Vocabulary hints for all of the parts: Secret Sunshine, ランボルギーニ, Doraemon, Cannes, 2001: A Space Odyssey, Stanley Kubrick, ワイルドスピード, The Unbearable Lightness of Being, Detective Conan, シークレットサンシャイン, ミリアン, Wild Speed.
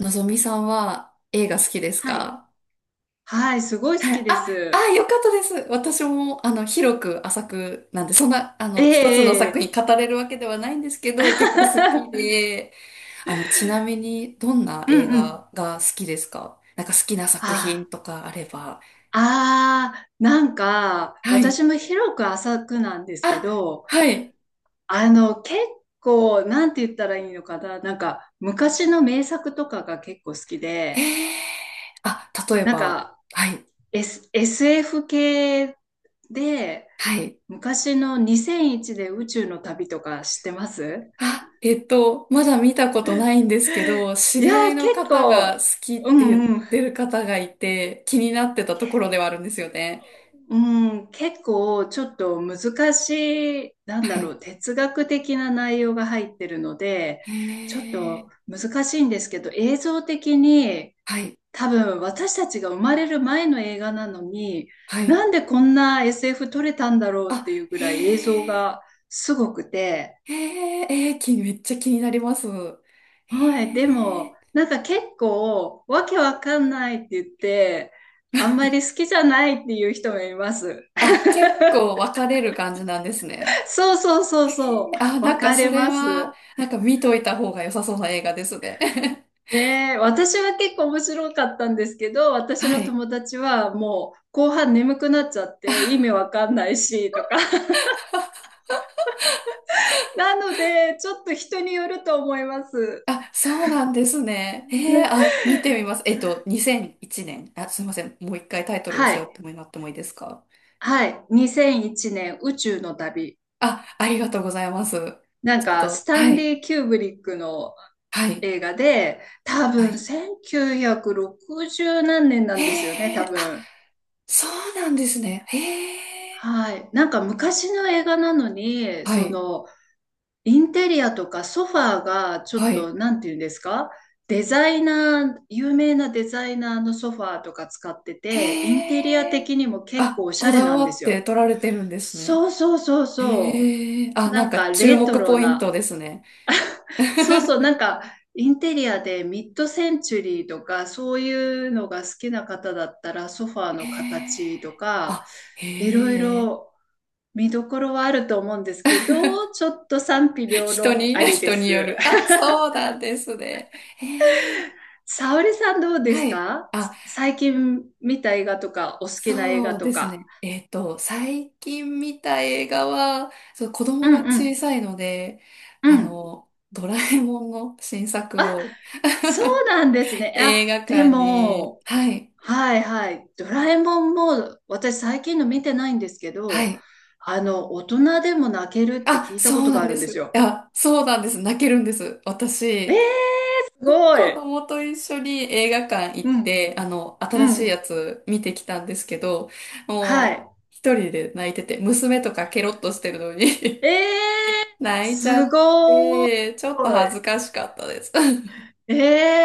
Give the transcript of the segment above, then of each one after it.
のぞみさんは映画好きですはい。か？はい、すごい好はきい。であ、あ、す。よかったです。私も、広く浅くなんで、そんな、え一つのえ、え作品え。語れるわけではないんですけど、結構好き で、ちなみに、どんなう映んうん。画が好きですか？なんか好きな作品あとかあれば。あ、ああ、なんか、はい。私も広く浅くなんですけあ、ど、はい。結構、なんて言ったらいいのかな、なんか、昔の名作とかが結構好きへで、え。あ、例えなんば、か、はい。SF 系で、はい。昔の2001で宇宙の旅とか知ってます？ あ、まだ見たことないんで すけど、知いやり合いー、の結方が構、好きっうて言っんうん、てる方がいて、気になってたところではあるんですよね。うん、結構ちょっと難しい、なんはだろい。う、哲学的な内容が入ってるので、へちょっえ。と難しいんですけど、映像的にはい。多分私たちが生まれる前の映画なのに、はい。なんでこんな SF 撮れたんだろうっあ、ていうぐへらい映像え。がすごくて、へえ。えー、き、めっちゃ気になります。はい、でへもえ。なんか結構わけわかんないって言って、あんまり好きじゃないっていう人もいます。あ、結構分かれる感じなんですね。そうそうそうそあ、う。な分んかかそれれまは、す。なんか見といた方が良さそうな映画ですね。ねえ、私は結構面白かったんですけど、私はのい。友達はもう後半眠くなっちゃって意味わかんないしとか。なので、ちょっと人によると思います。あ、そうなんですね。えー、あ、見てみます。2001年。あ、すいません。もう一回タイトルをは教えい。てもらってもいいですか？はい。2001年宇宙の旅。あ、ありがとうございます。なんちょっか、と、スタはンい、リー・キューブリックのはい、映画で、多は分い。1960何年なへんですよね、え、多あ、分。そうなんですね。へえ、はい。なんか昔の映画なのに、はい、インテリアとかソファーがちょはっと、い。なんていうんですか？デザイナー、有名なデザイナーのソファーとか使ってて、インへテリア的え、にも結構あ、おしこゃれだなんわでっすてよ。撮られてるんですね。そうそうそうそへえ、う。あ、ななんんかか注レト目ロポイントな。ですね。そうそう、な んかインテリアでミッドセンチュリーとかそういうのが好きな方だったらソファーへのえ、形とかあ、いろいへえ。ろ見どころはあると思うんですけど、ちょっと賛否両人論に、あ りで人によす。る。あ、そうなんですね。えー、沙織さんどうですはい。か？あ、最近見た映画とか、お好きな映画そうとですか。ね。最近見た映画は、そう、子う供がんう小ん、さいので、うん。ドラえもんの新作あ、を そうなんです ね。映あ、画で館に、も、はい、はいはい。ドラえもんも、私最近の見てないんですけはど、い。大人でも泣けるってあ、聞いたそこうとながんあるでんですす。よ。あ、そうなんです。泣けるんです。えー、私。すご子い。供と一緒に映画館行っうん、て、う新しいやん。つ見てきたんですけど、はもい。う、一人で泣いてて、娘とかケロッとしてるのえに ー、泣いちゃすっごい。て、ちょっと恥ずかしかったです。え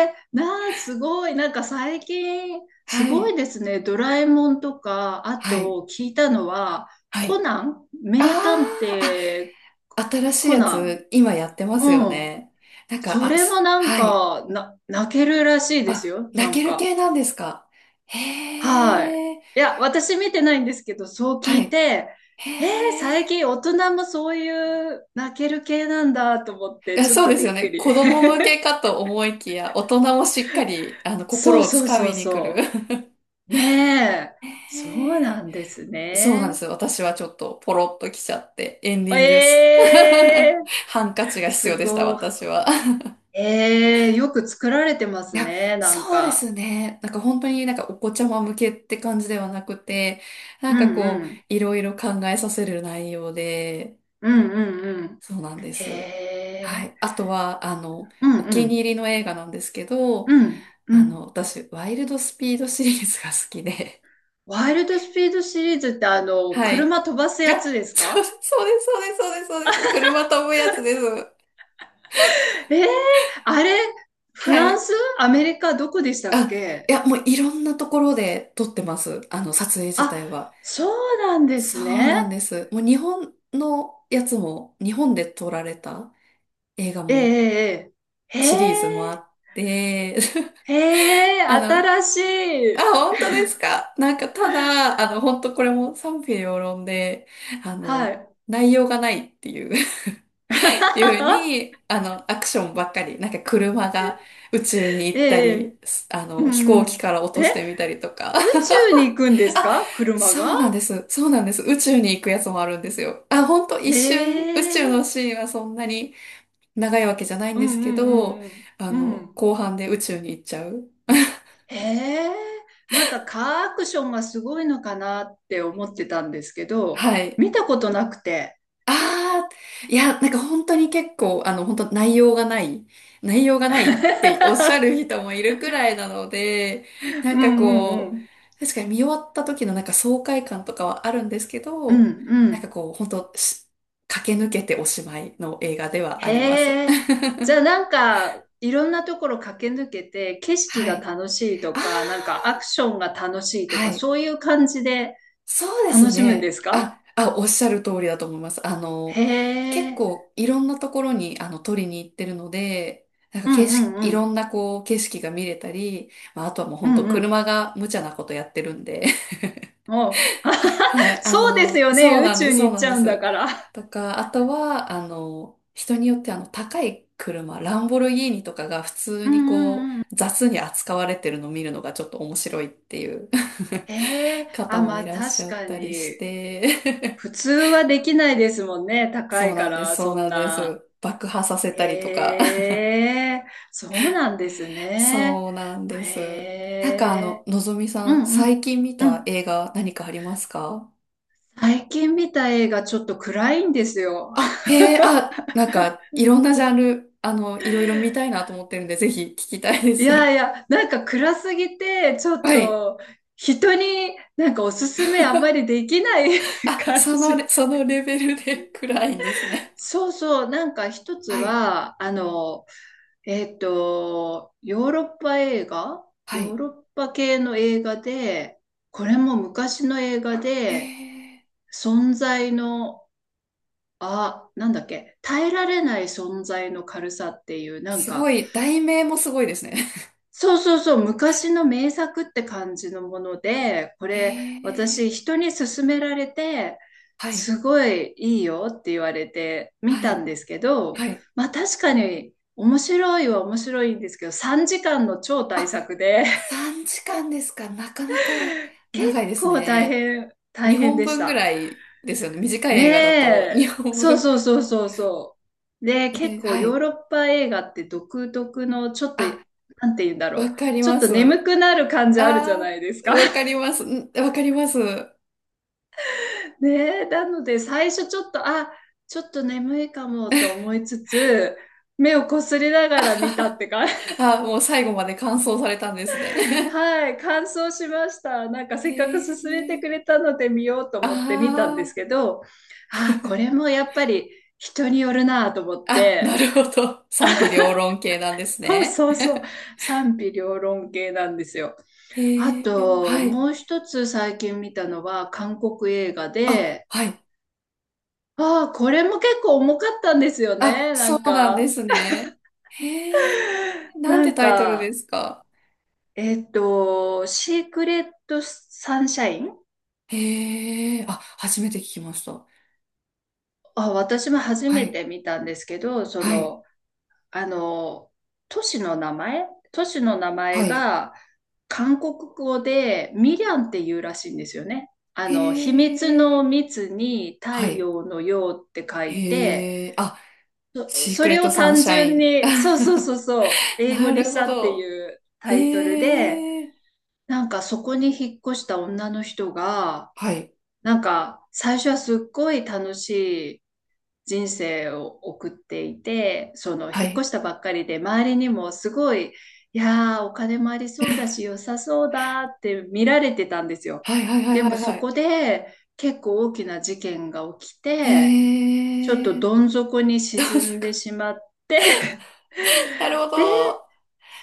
えなあ、すごい。なんか最近、すはごい、いですね。ドラえもんとか、あはい、と聞いたのは、はコい。ナンあ名探ー、偵あ、新しいコやナン。つ、今やってますうよん。ね。なんか、そあ、れもす、なんはい。か、泣けるらしいですあ、よ。な泣けんるか。系なんですか？はい。へー、いや、私見てないんですけど、そう聞はいい、て、へえー、最ー。近大人もそういう泣ける系なんだと思っいて、やちょっそうとですびよっくね。り。子供 向けかと思いきや、大人もしっかり、そ心うをつそうかそみうに来る。そ う。ねえ、そうへなえ、んですそうなんでね。すよ。私はちょっとポロッと来ちゃって、エンディングす。え えーハンカチが必す要でした、ごい。私は。ええーよく作られてまいすや、ね、なんそうでか。すね。なんか本当になんかお子ちゃま向けって感じではなくて、なうんかんうこう、ん、いろいろ考えさせる内容で、うんうんうん。そうなんでへす。はえ、い。あとは、うんおう気に入ん、りの映画なんですけど、うん、うん。私、ワイルドスピードシリーズが好きで。ワイルドスピードシリーズってはい。車飛ばすやつあ、ですそう、か？そうです、そうです、そうです、そうです。車飛ぶやつです。ええーあれ、フはランい。ス、アメリカ、どこでしたっあ、いけ？や、もういろんなところで撮ってます。撮影自あ、体は。そうなんでそすうなね。んです。もう日本のやつも、日本で撮られた映画えも、えええええシリーズもへあえ。って、へえ、あの、新しあ、い。本当ですか？なんか、ただ、本当これも賛否両論で、あはの、い。内容がないっていう。いう に、アクションばっかり、なんか車が宇宙に行ったええ、り、すう飛行機ん。から落とえ、してみたりとか。宇宙に行くんで すあ、か、車そが？うなんです。そうなんです。宇宙に行くやつもあるんですよ。あ、ほんと一え瞬、宇宙のえ、シーンはそんなに長いわけじゃないんうですんうけど、んうんうん。うん。後半で宇宙に行っちゃう。へえ、なんかカーアクションがすごいのかなって思ってたんですけど、はい。見たことなくて。ああ、いや、なんか本当に結構、本当内容がない、内容がないっておっしゃる 人もいるくらいなので、なうんんうかんうこん。う、確かに見終わった時のなんか爽快感とかはあるんですけうど、んうなんかん。こう、本当し駆け抜けておしまいの映画ではあります。へえ。じゃあなんか、いろんなところ駆け抜けて、景色はがい。楽しいとああ、か、なんかアクションが楽しいとはか、い。そういう感じでそうで楽すしむんでね。すあ、か？あ、おっしゃる通りだと思います。へ結え。構いろんなところにあの撮りに行ってるので、なんかうん景う色、んういろん。んなこう景色が見れたり、まあ、あとはもうう本当んうん。車が無茶なことやってるんで、もう、あはははい、そうですよね。そう宇なんで宙す、にそう行っなちんでゃうんだす。から。とか、あとは、人によってあの高い車、ランボルギーニとかが普通うんにうこんうん。う雑に扱われてるのを見るのがちょっと面白いっていう へえ。あ、方まもいあらっし確ゃっかたりしに。て、普通はできないですもんね。高そいうかなんです、ら、そうそんなんでな。す。爆破させたりとか。え え、そうなんですね。そうなんでへす。なんかあの、え、のぞみさうん、んう最ん、近見うたん。映画何かありますか？最近見た映画ちょっと暗いんですよ。あ、へえ、あ、なんか、いろんなジャンル、いろいろ見たいなと思ってるんで、ぜひ聞きたいでいす。やいや、なんか暗すぎて、ちょっはい。と人になんかおすすめあんまりできない あ、感そのレ、じ。そのレベルで 暗いんです ね。そうそう、なんか一つはい、は、えっと、ヨーロッパ映画はヨーい。ロッパ系の映画で、これも昔の映画へで、え、存在の、あ、なんだっけ、耐えられない存在の軽さっていう、なんすごか、い、題名もすごいですね。そうそうそう、昔の名作って感じのもので、こ へれ、私、え、人に勧められて、はい、すごいいいよって言われて見はたんい、ですけど、はい。まあ確かに面白いは面白いんですけど、3時間の超大作で、3時間ですか？なかなか結長いです構大ね。変、大変2で本し分ぐた。らいですよね。短いね映画だとえ、2本そう分。そうそうそうそう。で、結ね、構はヨい。ーロッパ映画って独特のちょっと、あ、なんて言うんだろわう。かりちょっまとす。眠くなる感じあるじゃあないですー、か。わかり ます。んわかります。ねえ、なので最初ちょっと、あ、ちょっと眠いかもと思いつつ、目をこすりながら見たってか、あ、もう最後まで完走されたんですね。はい、感想しました。なんか へせっかく勧めてえ。くれたので見ようと思って見たんですあけど、ああ、これもやっぱり人によるなと思っあ。あ、なて、るほど。賛否両論系なんですそうね。そうそう。賛否両論系なんですよ。あへえ。と、はい。もう一つ最近見たのは韓国映画あ、で、はい。ああ、これも結構重かったんですよあ、ね。なそんうなんでか、すね。へえ、なんなてんタイトルでか、すか？シークレットサンシャイン。へえ、あ、初めて聞きました。あ、私も初はめい、て見たんですけど、はい、あの、都市の名前都市の名は前い。が韓国語でミリャンっていうらしいんですよね。へ秘密え、の密には太い、陽の陽って書いて、へえ、あ、シークそレれッをトサン単シャ純イン。に、そうそうそうそう、英語なにるしほたっていど。うタイトルで、へえ、なんかそこに引っ越した女の人が、はい、なんか最初はすっごい人生を送っていて、そのは引っ越い、したばっかりで、周りにもすごい、いやー、お金もありそうだし、良さそうだって見られてたんですよ。はい、はい、はい、ではもい、はそい。こで結構大きな事件が起きて、へちょっとえ、どん底に どうで沈すんでか。しまって なるほ で、ど。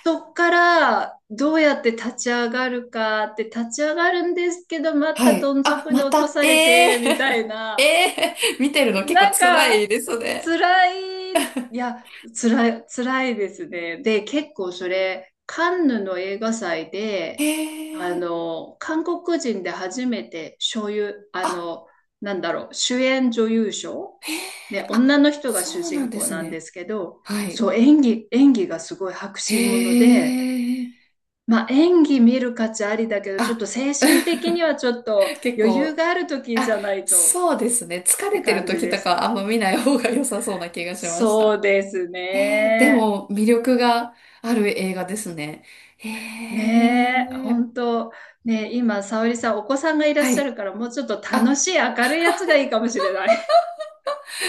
そっからどうやって立ち上がるかって立ち上がるんですけど、まはたい。どんあ、底にま落とた、されえて、みたえ、い えな。え、見てるの結構なん辛か、いですね。辛い、いや、辛い、辛いですね。で、結構それ、カンヌの映画祭へで、え。韓国人で初めて、所有、ああ、の、なんだろう、主演女優賞。へえ。ね、あ、女の人がそ主うなん人で公すなんでね。すけど、はい。そう、演技がすごい迫へ真もので、え。まあ、演技見る価値ありだけど、ちょっあ、と精神的にはちょっと 結余裕構、がある時じあ、ゃないとそうですね。疲ってれてる感じ時でとかす。はあんま見ない方が良さそうな気がしましそた。うですへえ。でね。も、魅力がある映画ですね。へねえ、え。本当、ねえ、今、沙織さん、お子さんがいらっはしゃい。るから、もうちょっと楽あ、しい、明るいやつがいいかもしれない。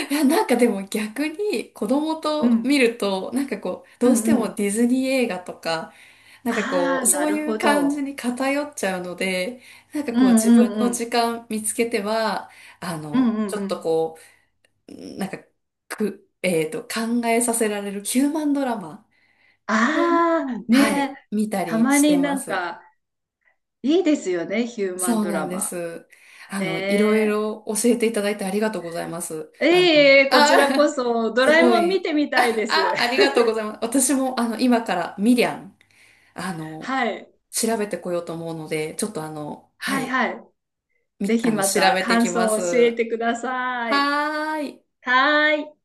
いや、なんかでも逆に子供うと見ん、ると、なんかこう、うどうんしてうもん。ディズニー映画とか、なんかこあう、あ、なそうるいうほ感じど。に偏っちゃうので、なんかうこう、ん自うん分うのん。時間見つけては、うんうんちょうっとん。こう、なんか、く、考えさせられるヒューマンドラマでああ、も、ねはえ、い、見たたりましてになまんす。か、いいですよね、ヒューマンそうドなラんでマ。す。いろいねろ教えていただいてありがとうございます。え。ええ、こちらこあそ、ー、ドすラえごもん見い。てみたいです。あ、ありがとうございます。私も、今から、ミリアン、あの、はい。調べてこようと思うので、ちょっとあの、ははいい、はい。み、ぜひま調たべて感きま想をす。教えてください。はーい。はーい。